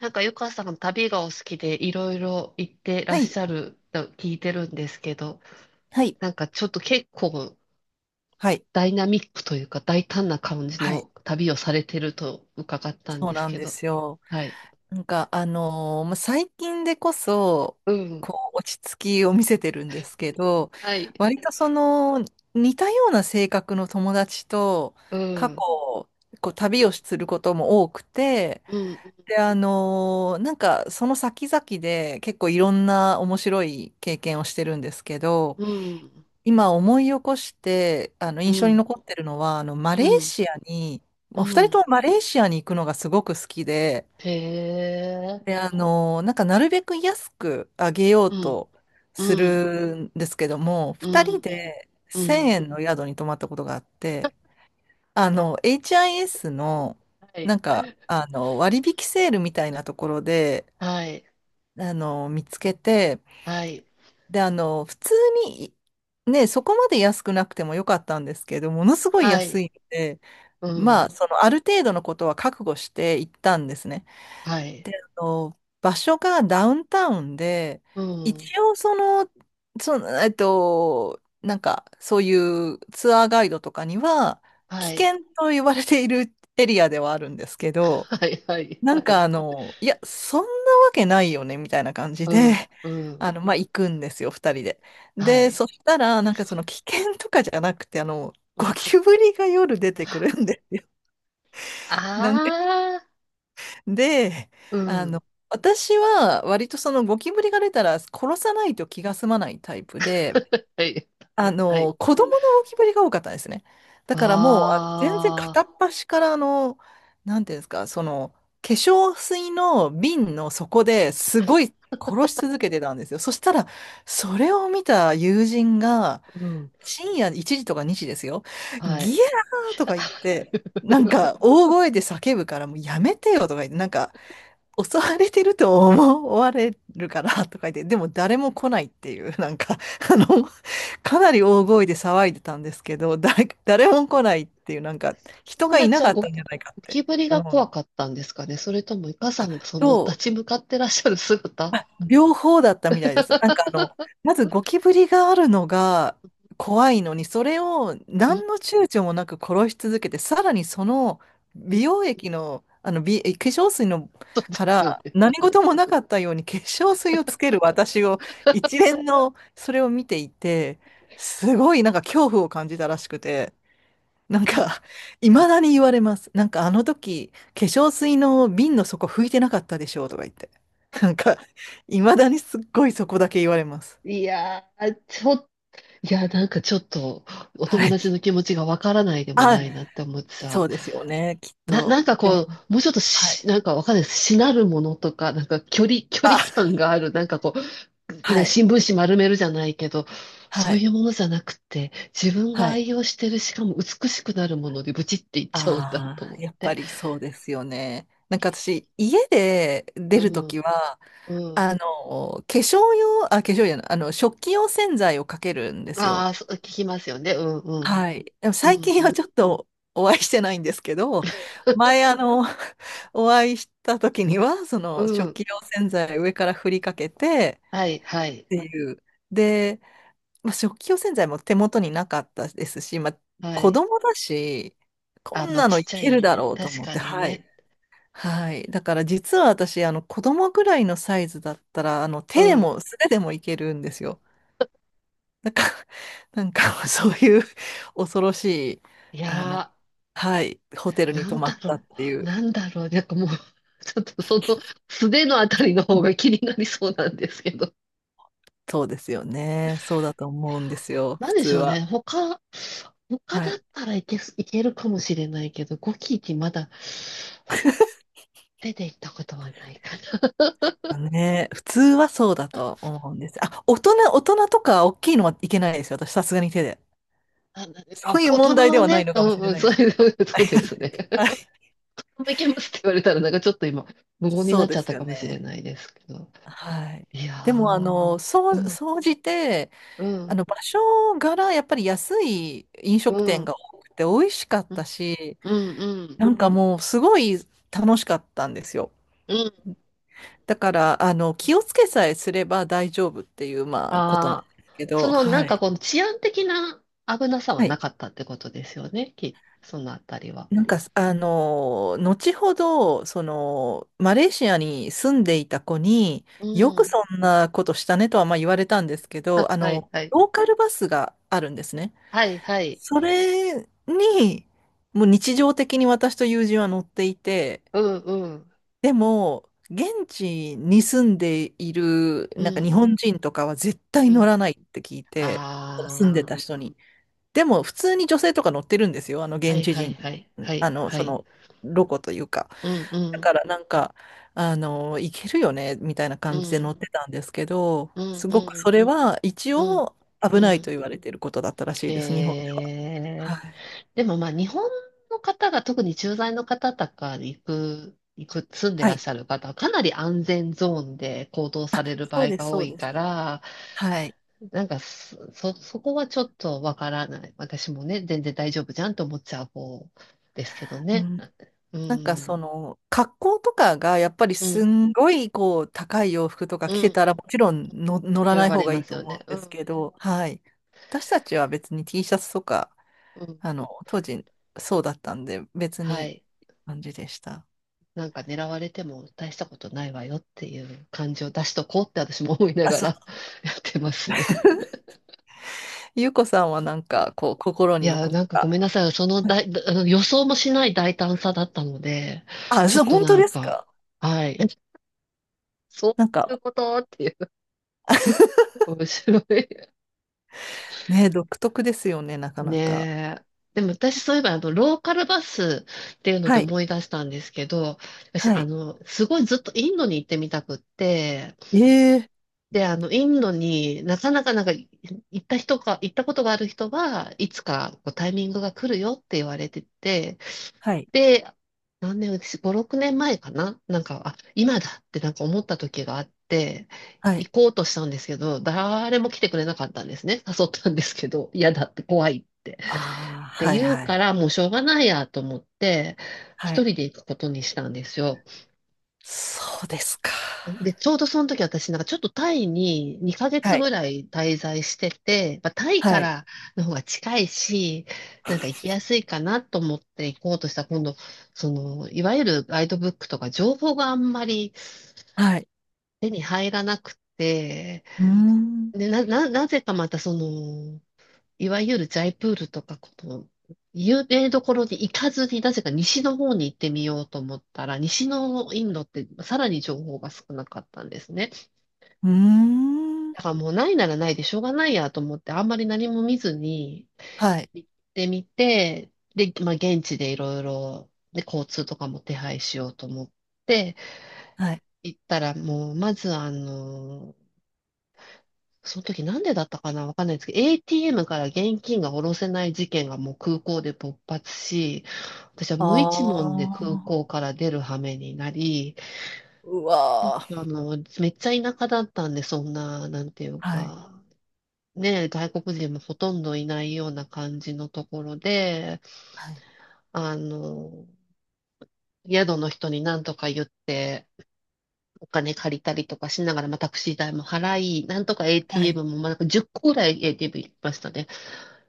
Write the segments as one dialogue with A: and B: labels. A: なんか、ゆかさん旅がお好きでいろいろ行ってら
B: は
A: っし
B: い、
A: ゃると聞いてるんですけど、
B: はい、
A: なんかちょっと結構
B: はい。
A: ダイナミックというか大胆な感じ
B: はい。
A: の旅をされてると伺ったん
B: そう
A: です
B: なん
A: け
B: で
A: ど。
B: すよ。
A: はい。
B: なんか、まあ、最近でこそ、
A: うん。
B: こう、落ち着きを見せてるんですけど、
A: はい。
B: 割とその、似たような性格の友達と、
A: う
B: 過去、
A: ん。
B: こう、旅をすることも多くて、
A: うん。
B: で、なんか、その先々で結構いろんな面白い経験をしてるんですけど、
A: うん。
B: 今思い起こして、あの、
A: う
B: 印象に
A: ん。
B: 残ってるのは、あの、マ
A: う
B: レー
A: ん。
B: シアに、
A: う
B: まあ二人と
A: ん。
B: もマレーシアに行くのがすごく好きで、
A: へえ。
B: で、あの、なんかなるべく安くあげよう
A: うん。
B: と
A: う
B: す
A: ん。
B: るんですけども、
A: う
B: 二人
A: ん。うん。
B: で
A: う
B: 1000
A: ん。
B: 円の宿に泊まったことがあって、あの、HIS の、
A: は
B: な
A: い。
B: んか、あの、割引セールみたいなところで、
A: はい。
B: あの、見つけて、
A: はい。
B: で、あの、普通に、ね、そこまで安くなくてもよかったんですけど、ものすごい
A: は
B: 安
A: い。
B: いので、
A: う
B: まあ、
A: ん。
B: その、ある程度のことは覚悟して行ったんですね。
A: はい。
B: で、あの、場所がダウンタウンで、
A: うん。
B: 一応その、なんか、そういうツアーガイドとかには、危
A: はい。
B: 険と言われているエリアではあるんですけど、
A: はいはい
B: な
A: は
B: ん
A: い。
B: かあの、いや、そんなわけないよね、みたいな感じ
A: う
B: で、
A: んう
B: あ
A: ん。
B: の、まあ、行くんですよ、二人で。
A: は
B: で、
A: い。
B: そしたら、なんかその危険とかじゃなくて、あの、
A: うん
B: ゴキブリが夜出てくるんですよ。なんか、
A: ああ、
B: で、
A: う
B: あ
A: ん。
B: の、私は割とそのゴキブリが出たら殺さないと気が済まないタイプで、
A: はい。
B: あ
A: はい。
B: の、子供の浮き彫りが多かったですね。だからもう、あの全然
A: あ
B: 片っ端からあの、なんていうんですか、その、化粧水の瓶の底ですごい殺し続けてたんですよ。そしたら、それを見た友人が、
A: あ、うん。
B: 深夜1時とか2時ですよ。
A: は
B: ギャ
A: い。
B: ーとか言っ て、
A: い
B: なん
A: や、
B: か大声で叫ぶからもうやめてよとか言って、なんか襲われてると思われるからとか言って、でも誰も来ないっていう、なんか、あの、かなり大声で騒いでたんですけど、誰も来ないっていう、なんか、人
A: 友
B: がい
A: 達
B: な
A: は
B: かっ
A: ゴ
B: たん
A: キ、
B: じ
A: ゴ
B: ゃないかって
A: キブリが
B: 思
A: 怖か
B: う。
A: ったんですかね。それとも、イカさ
B: あ、
A: んがその
B: そ
A: 立
B: う、
A: ち向かってらっしゃる姿
B: あ、両方だったみたいです。なんかあの、まずゴキブリがあるのが怖いのに、それを
A: うん、
B: 何の躊躇もなく殺し続けて、さらにその
A: う
B: 美
A: ん。
B: 容液の、あの美、化粧水の
A: そうで
B: か
A: すよ
B: ら
A: ね。
B: 何事もなかったように化粧水をつける私を、一連のそれを見ていて、すごいなんか恐怖を感じたらしくて。なんか、いまだに言われます。なんか、あの時、化粧水の瓶の底拭いてなかったでしょうとか言って。なんか、いまだにすっごいそこだけ言われます。
A: いやー、ちょっ、いや、なんかちょっと、お
B: は
A: 友
B: い。
A: 達の気持ちがわからないでも
B: あ、
A: ないなって思って
B: そ
A: さ、
B: うですよね、きっ
A: な、
B: と。
A: なんか
B: でも、
A: こう、もうちょっと
B: は
A: し、
B: い。
A: なんかわかんないです。しなるものとか、なんか距離、距離
B: あ、
A: 感がある、なんかこう、
B: は
A: ね、
B: い。
A: 新聞紙丸めるじゃないけど、
B: は
A: そう
B: い。
A: いうものじゃなくて、自分が
B: はい。
A: 愛用してる、しかも美しくなるものでブチっていっちゃうんだと
B: あ
A: 思
B: あ、
A: っ
B: やっぱ
A: て。
B: りそうですよね。なんか私、家で出
A: う
B: るとき
A: ん、
B: は、
A: うん。
B: あの、化粧用、あ、化粧用、あの、食器用洗剤をかけるんです
A: あ
B: よ。
A: あ、そう、聞きますよね。うん、うん。
B: はい。でも
A: う
B: 最
A: ん、
B: 近は
A: う
B: ちょっとお会いしてないんですけど、前あの、お会いした時には、そ
A: ん。
B: の
A: う
B: 食
A: ん。
B: 器用洗剤上から振りかけて
A: はい、はい、
B: っていう。で、まあ、食器用洗剤も手元になかったですし、まあ、
A: は
B: 子
A: い。
B: 供だし、こ
A: あ、
B: ん
A: まあ、
B: なの
A: ちっ
B: い
A: ちゃ
B: ける
A: い
B: だ
A: ね。
B: ろうと
A: 確
B: 思っ
A: か
B: て、
A: に
B: はい。
A: ね。
B: はい。だから実は私、あの子供ぐらいのサイズだったら、あの
A: う
B: 手で
A: ん。
B: も素手でもいけるんですよ。なんか、なんか そういう恐ろしい、
A: い
B: あの、
A: やー。
B: はい、ホテルに
A: なん
B: 泊ま
A: だ
B: ったっ
A: ろ
B: てい
A: う、
B: う、
A: なんだろう、なんかもう ちょっとその素手のあたりの方が気になりそうなんですけど。
B: そうですよね。そうだと思うんですよ、
A: な
B: 普
A: んで
B: 通
A: しょうね、
B: は。
A: 他
B: は
A: だっ
B: い。
A: たらいけるかもしれないけど、ゴキチまだ手で行ったことはないかな。
B: ね、普通はそうだと思うんです。あ、大人とか大きいのはいけないですよ。私、さすがに手で。
A: ああ
B: そういう
A: 大人
B: 問題で
A: は
B: はない
A: ね、
B: の
A: う
B: かも
A: ん
B: しれ
A: うん、
B: ない
A: そ
B: で
A: う
B: すけ
A: いう、
B: ど。
A: そうです ね。
B: はい。
A: いけますって言われたら、なんかちょっと今、無言に
B: そ
A: な
B: う
A: っち
B: で
A: ゃっ
B: す
A: た
B: よ
A: かもしれ
B: ね。
A: ないですけど。
B: はい。
A: いや
B: でも、あ
A: ー、
B: の、そ
A: う
B: う、
A: ん、
B: 総じて、
A: う
B: あ
A: ん、
B: の場所柄やっぱり安い飲
A: う
B: 食店が
A: ん、
B: 多くて美味しかっ
A: う
B: た
A: ん、
B: し、
A: うん、うん。
B: なんかもうすごい楽しかったんですよ。
A: うん
B: だからあの気をつけさえすれば大丈夫っていうまあことなんで
A: ああ、
B: すけ
A: そ
B: ど、
A: のな
B: は
A: んか
B: い。
A: この治安的な危なさは
B: は
A: な
B: い。
A: かったってことですよね、き、そのあたりは。
B: なんかあの後ほどそのマレーシアに住んでいた子に
A: う
B: よく
A: ん。
B: そんなことしたねとはまあ言われたんですけ ど、あ
A: はい
B: の
A: はい。
B: ローカルバスがあるんですね。
A: はいはい。
B: それに、もう日常的に私と友人は乗っていて、
A: うんうん。
B: でも、現地に住んでいる、
A: う
B: なんか日
A: ん
B: 本人とかは絶対
A: う
B: 乗
A: ん。
B: らないって聞いて、住んで
A: あ
B: た人に。でも、普通に女性とか乗ってるんですよ、あの
A: あ、は
B: 現
A: い
B: 地
A: はい
B: 人、
A: はいは
B: あ
A: い
B: の、
A: は
B: そ
A: い。
B: の、ロコというか。
A: うんう
B: だか
A: ん
B: らなんか、あの、いけるよね、みたいな
A: う
B: 感じで乗
A: ん
B: ってたんですけど、
A: うん
B: す
A: う
B: ごくそ
A: ん
B: れは一
A: うん
B: 応
A: う
B: 危ないと
A: ん。
B: 言われていることだったらしいです、日本で
A: へ
B: は。
A: え。
B: はい。
A: でもまあ日本の方が特に駐在の方とかに行く、行く、住んで
B: は
A: らっ
B: い、
A: しゃる方はかなり安全ゾーンで行動さ
B: あ、
A: れる場
B: そう
A: 合
B: です、
A: が多
B: そう
A: い
B: です。
A: から、
B: はい。
A: なんかそこはちょっとわからない。私もね、全然大丈夫じゃんと思っちゃう方ですけど
B: う
A: ね。
B: ん、
A: う
B: なんかそ
A: ん、
B: の、格好とかがやっぱり
A: う
B: す
A: ん、
B: んごいこう、高い洋服とか
A: うん、
B: 着
A: う
B: て
A: ん。
B: たらもちろんの乗らな
A: 狙
B: い
A: わ
B: 方
A: れ
B: がい
A: ま
B: い
A: す
B: と
A: よ
B: 思う
A: ね。
B: ん
A: う
B: です
A: ん、
B: けど、はい。私たちは別に T シャツとか、
A: うん。
B: あの、当時そうだったんで、別
A: は
B: に
A: い。
B: 感じでした。
A: なんか狙われても大したことないわよっていう感じを出しとこうって私も思いな
B: あ、
A: が
B: そ
A: ら
B: う。
A: やってますね。
B: ゆうこさんはなんかこう、心
A: い
B: に
A: や、
B: 残っ
A: なんかごめん
B: た。
A: なさい。その
B: はい。
A: 大、あの予想もしない大胆さだったので、
B: あ、
A: ちょ
B: そ
A: っ
B: う、
A: と
B: 本当
A: なん
B: です
A: か、
B: か？
A: はい。そ
B: なん
A: うい
B: か、
A: うことっていう、面白い。
B: ね、独特ですよね、なかなか。
A: ねえ。でも私そういえば、あの、ローカルバスっていうので
B: はい。
A: 思い出したんですけど、私、
B: は
A: あ
B: い。
A: の、すごいずっとインドに行ってみたくって、
B: ええ、
A: で、あの、インドになかなかなんかい行った人か、行ったことがある人はいつかこうタイミングが来るよって言われてて、
B: はい。
A: で、何年、私、5、6年前かななんか、あ、今だってなんか思った時があって、
B: は
A: 行
B: い。
A: こうとしたんですけど、誰も来てくれなかったんですね。誘ったんですけど、嫌だって怖いって。
B: あ
A: っ
B: あ、
A: て
B: はい
A: 言う
B: は
A: か
B: い。
A: ら、もうしょうがないやと思って、一
B: はい。
A: 人で行くことにしたんですよ。
B: そうですか。
A: で、ちょうどその時私なんかちょっとタイに2ヶ
B: は
A: 月
B: い。
A: ぐらい滞在してて、まあ、タイ
B: は
A: か
B: い。
A: らの方が近いし、なんか行きやすいかなと思って行こうとしたら今度、その、いわゆるガイドブックとか情報があんまり
B: はい。
A: 手に入らなくて、
B: うーん。
A: で、なぜかまたその、いわゆるジャイプールとか、この、有名どころに行かずに、なぜか西の方に行ってみようと思ったら、西のインドってさらに情報が少なかったんですね。
B: うーん。
A: だからもうないならないでしょうがないやと思って、あんまり何も見ずに
B: はい。
A: 行ってみて、で、まあ現地でいろいろ、で、交通とかも手配しようと思って
B: はい。
A: 行ったら、もうまずあの、その時なんでだったかなわかんないですけど、ATM から現金が下ろせない事件がもう空港で勃発し、私は
B: あ
A: 無一文で空港
B: あ。
A: から出る羽目になり、
B: うわ
A: あ
B: ー。
A: の、めっちゃ田舎だったんで、そんな、なんていう
B: はい。
A: か、ね、外国人もほとんどいないような感じのところで、
B: はい。
A: あの、宿の人に何とか言って、お金借りたりとかしながら、まあ、タクシー代も払い、なんとか
B: はい。
A: ATM も、まあ、なんか10個ぐらい ATM 行きましたね。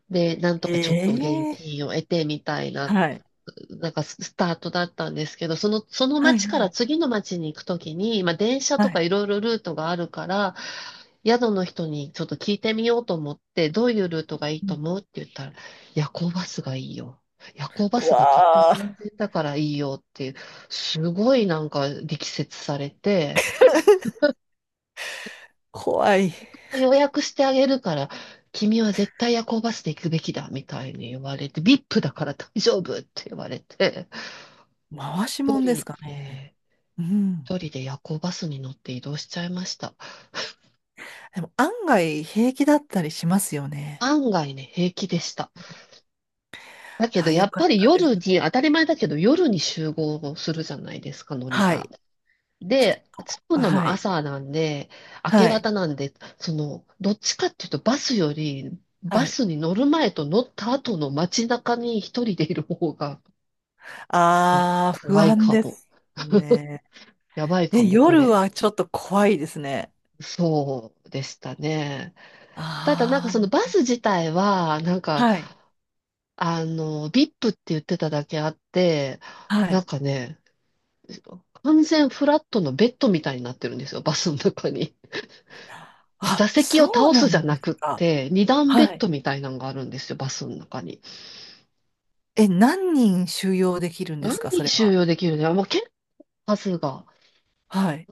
A: で、なんとかちょっと現
B: ええ、
A: 金を得てみたいな、
B: はい。
A: なんかスタートだったんですけど、その、その
B: はい
A: 町か
B: は
A: ら
B: い。
A: 次の町に行くときに、まあ、電車
B: は
A: とか
B: い。
A: いろいろルートがあるから、宿の人にちょっと聞いてみようと思って、どういうルートがいい
B: う
A: と
B: ん。
A: 思うって言ったら、夜行バスがいいよ。夜行バ
B: う
A: スがとっても
B: わ
A: 安
B: ー、
A: 全だからいいよっていう、すごいなんか力説されて、
B: 怖い。
A: 予約してあげるから、君は絶対夜行バスで行くべきだみたいに言われて、VIP だから大丈夫って言われて、
B: 回し
A: 一
B: もんです
A: 人
B: かね。
A: で、
B: うん。
A: 一人で夜行バスに乗って移動しちゃいました。
B: でも案外平気だったりしますよね。
A: 案外ね、平気でした。だけど、
B: あ、
A: や
B: よ
A: っ
B: か
A: ぱ
B: っ
A: り
B: たで
A: 夜
B: す。
A: に、当たり前だけど、夜に集合するじゃないですか、乗り
B: は
A: 場。
B: い。ちょっ
A: で、着く
B: と、
A: のも
B: はい。
A: 朝なんで、明け
B: はい。
A: 方なんで、その、どっちかっていうと、バスより、
B: は
A: バ
B: い。
A: スに乗る前と乗った後の街中に一人でいる方が、はい
B: ああ、不
A: 怖い
B: 安
A: か
B: で
A: も。
B: すね。
A: やばいか
B: え、
A: も、こ
B: 夜
A: れ。
B: はちょっと怖いですね。
A: そうでしたね。ただ、なんかその
B: あ
A: バス自体は、なん
B: あ、
A: か、
B: はい、
A: あの、VIP って言ってただけあって、
B: は
A: な
B: い。
A: んかね、完全フラットのベッドみたいになってるんですよ、バスの中に。
B: あ、
A: 座席を
B: そう
A: 倒
B: な
A: すじゃ
B: んで
A: な
B: す
A: くっ
B: か。
A: て、二段
B: は
A: ベッド
B: い。
A: みたいなのがあるんですよ、バスの中に。
B: え、何人収容できるんで
A: 何
B: すか、そ
A: 人
B: れ
A: 収
B: は。
A: 容できるのよ、もう結構数が。
B: はい。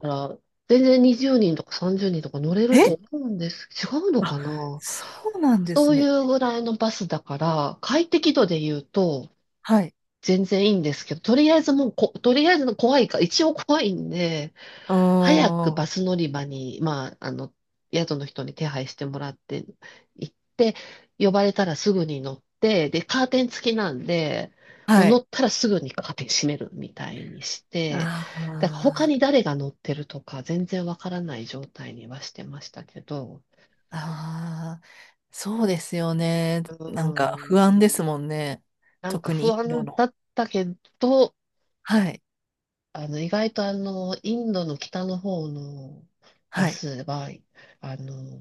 A: だから全然20人とか30人とか乗れると
B: え、
A: 思うんです。違うの
B: あ、
A: かな。
B: そうなんで
A: そ
B: す
A: うい
B: ね。
A: うぐらいのバスだから、快適度で言うと
B: はい。
A: 全然いいんですけど、とりあえずもうこ、とりあえずの怖いか、一応怖いんで、
B: うー
A: 早く
B: ん。
A: バス乗り場に、まあ、あの、宿の人に手配してもらって行って、呼ばれたらすぐに乗って、で、カーテン付きなんで、もう
B: は
A: 乗
B: い。
A: ったらすぐにカーテン閉めるみたいにして、だから他
B: あ
A: に誰が乗ってるとか全然わからない状態にはしてましたけど、
B: あ、ああ、そうですよね。
A: う
B: なんか
A: ーん、
B: 不安ですもんね。
A: なんか
B: 特に
A: 不
B: インド
A: 安
B: の。
A: だったけど、
B: はい。
A: あの、意外とあの、インドの北の方のバ
B: はい。
A: スは、あの、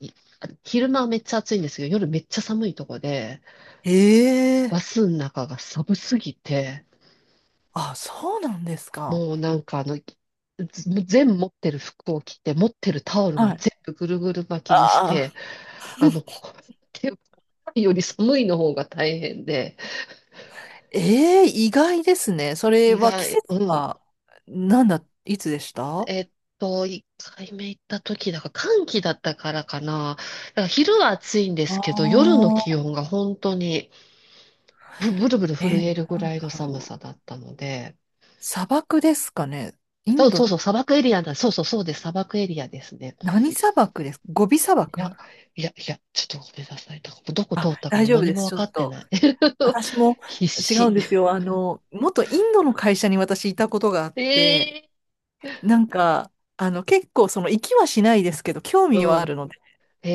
A: い昼間はめっちゃ暑いんですけど、夜めっちゃ寒いとこで、
B: ええ、
A: バスの中が寒すぎて、
B: あ、そうなんですか。
A: もうなんかあの、ず全持ってる服を着て、持ってるタオルも
B: はい。
A: 全部ぐるぐる巻き
B: あ
A: にして、
B: あ、
A: あの、ここ手をいより寒いの方が大変で、
B: ええ、意外ですね。それ
A: 意
B: は季
A: 外、
B: 節
A: うん、
B: は、なんだ、いつでした？あ
A: えっ一回目行った時だから、寒気だったからかな。だから昼は暑いんです
B: あ、
A: けど、夜の気温が本当に、ブルブル
B: え、
A: 震えるぐ
B: なん
A: らいの
B: だ
A: 寒
B: ろ
A: さ
B: う。
A: だったので、
B: 砂漠ですかね。イ
A: そ
B: ン
A: うそ
B: ド、
A: うそう、砂漠エリアだ。そうそうそうです。砂漠エリアですね。
B: 何砂漠です？ゴビ砂
A: いや、
B: 漠？
A: いや、いや、ちょっとごめんなさい。なんかどこ通ったか
B: 大
A: も
B: 丈夫
A: 何
B: で
A: も
B: す。
A: わ
B: ちょ
A: か
B: っ
A: って
B: と、
A: ない。
B: 私も
A: 必
B: 違う
A: 死。
B: んですよ。あの、元インドの会社に私いたことがあって、
A: ええ
B: なんか、あの、結構その、行きはしないですけど、興味
A: う
B: はあ
A: ん。
B: るので、
A: え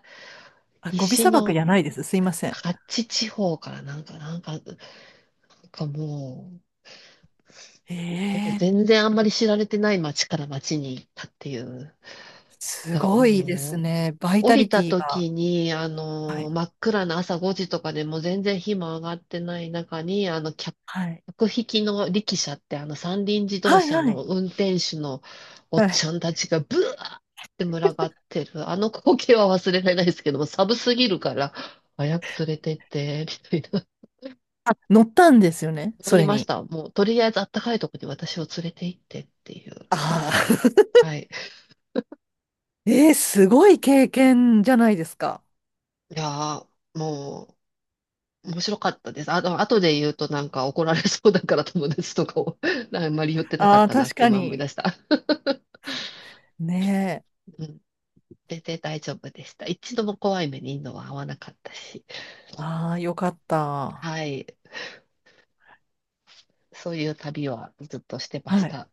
A: え
B: あ、ゴビ
A: 西
B: 砂漠じ
A: の
B: ゃないです。すいません。
A: カッチ地方からなんか、なんか、なんかもう、なんか
B: ええ、
A: 全然あんまり知られてない町から町に行ったっていう。
B: す
A: だから
B: ごいです
A: も
B: ね。バイ
A: う、降
B: タリ
A: りた
B: ティが。
A: 時に、あ
B: は
A: の、
B: い。
A: 真っ暗な朝5時とかでもう全然火も上がってない中に、あの、
B: はい。
A: 客引きの力車って、あの、三輪自動
B: はい
A: 車
B: はい。
A: の運転手のおっ
B: はい。
A: ちゃんたちがブワーって群がってる。あの光景は忘れられないですけども、寒すぎるから、早く連れてって、みたいな。
B: 乗ったんですよね、
A: 乗
B: そ
A: り
B: れ
A: まし
B: に。
A: た。もう、とりあえずあったかいとこに私を連れて行ってっていう。
B: ああ。
A: はい。
B: えー、すごい経験じゃないですか。
A: いやー、もう、面白かったです。あと、後で言うとなんか怒られそうだから友達とかを あんまり言ってなか
B: あ
A: っ
B: あ、
A: たなっ
B: 確
A: て
B: か
A: 今思い
B: に。
A: 出した。
B: ね
A: うん。全然大丈夫でした。一度も怖い目にインドは合わなかったし。
B: え。ああ、よかった。
A: はい。そういう旅はずっとしてまし
B: はい。
A: た。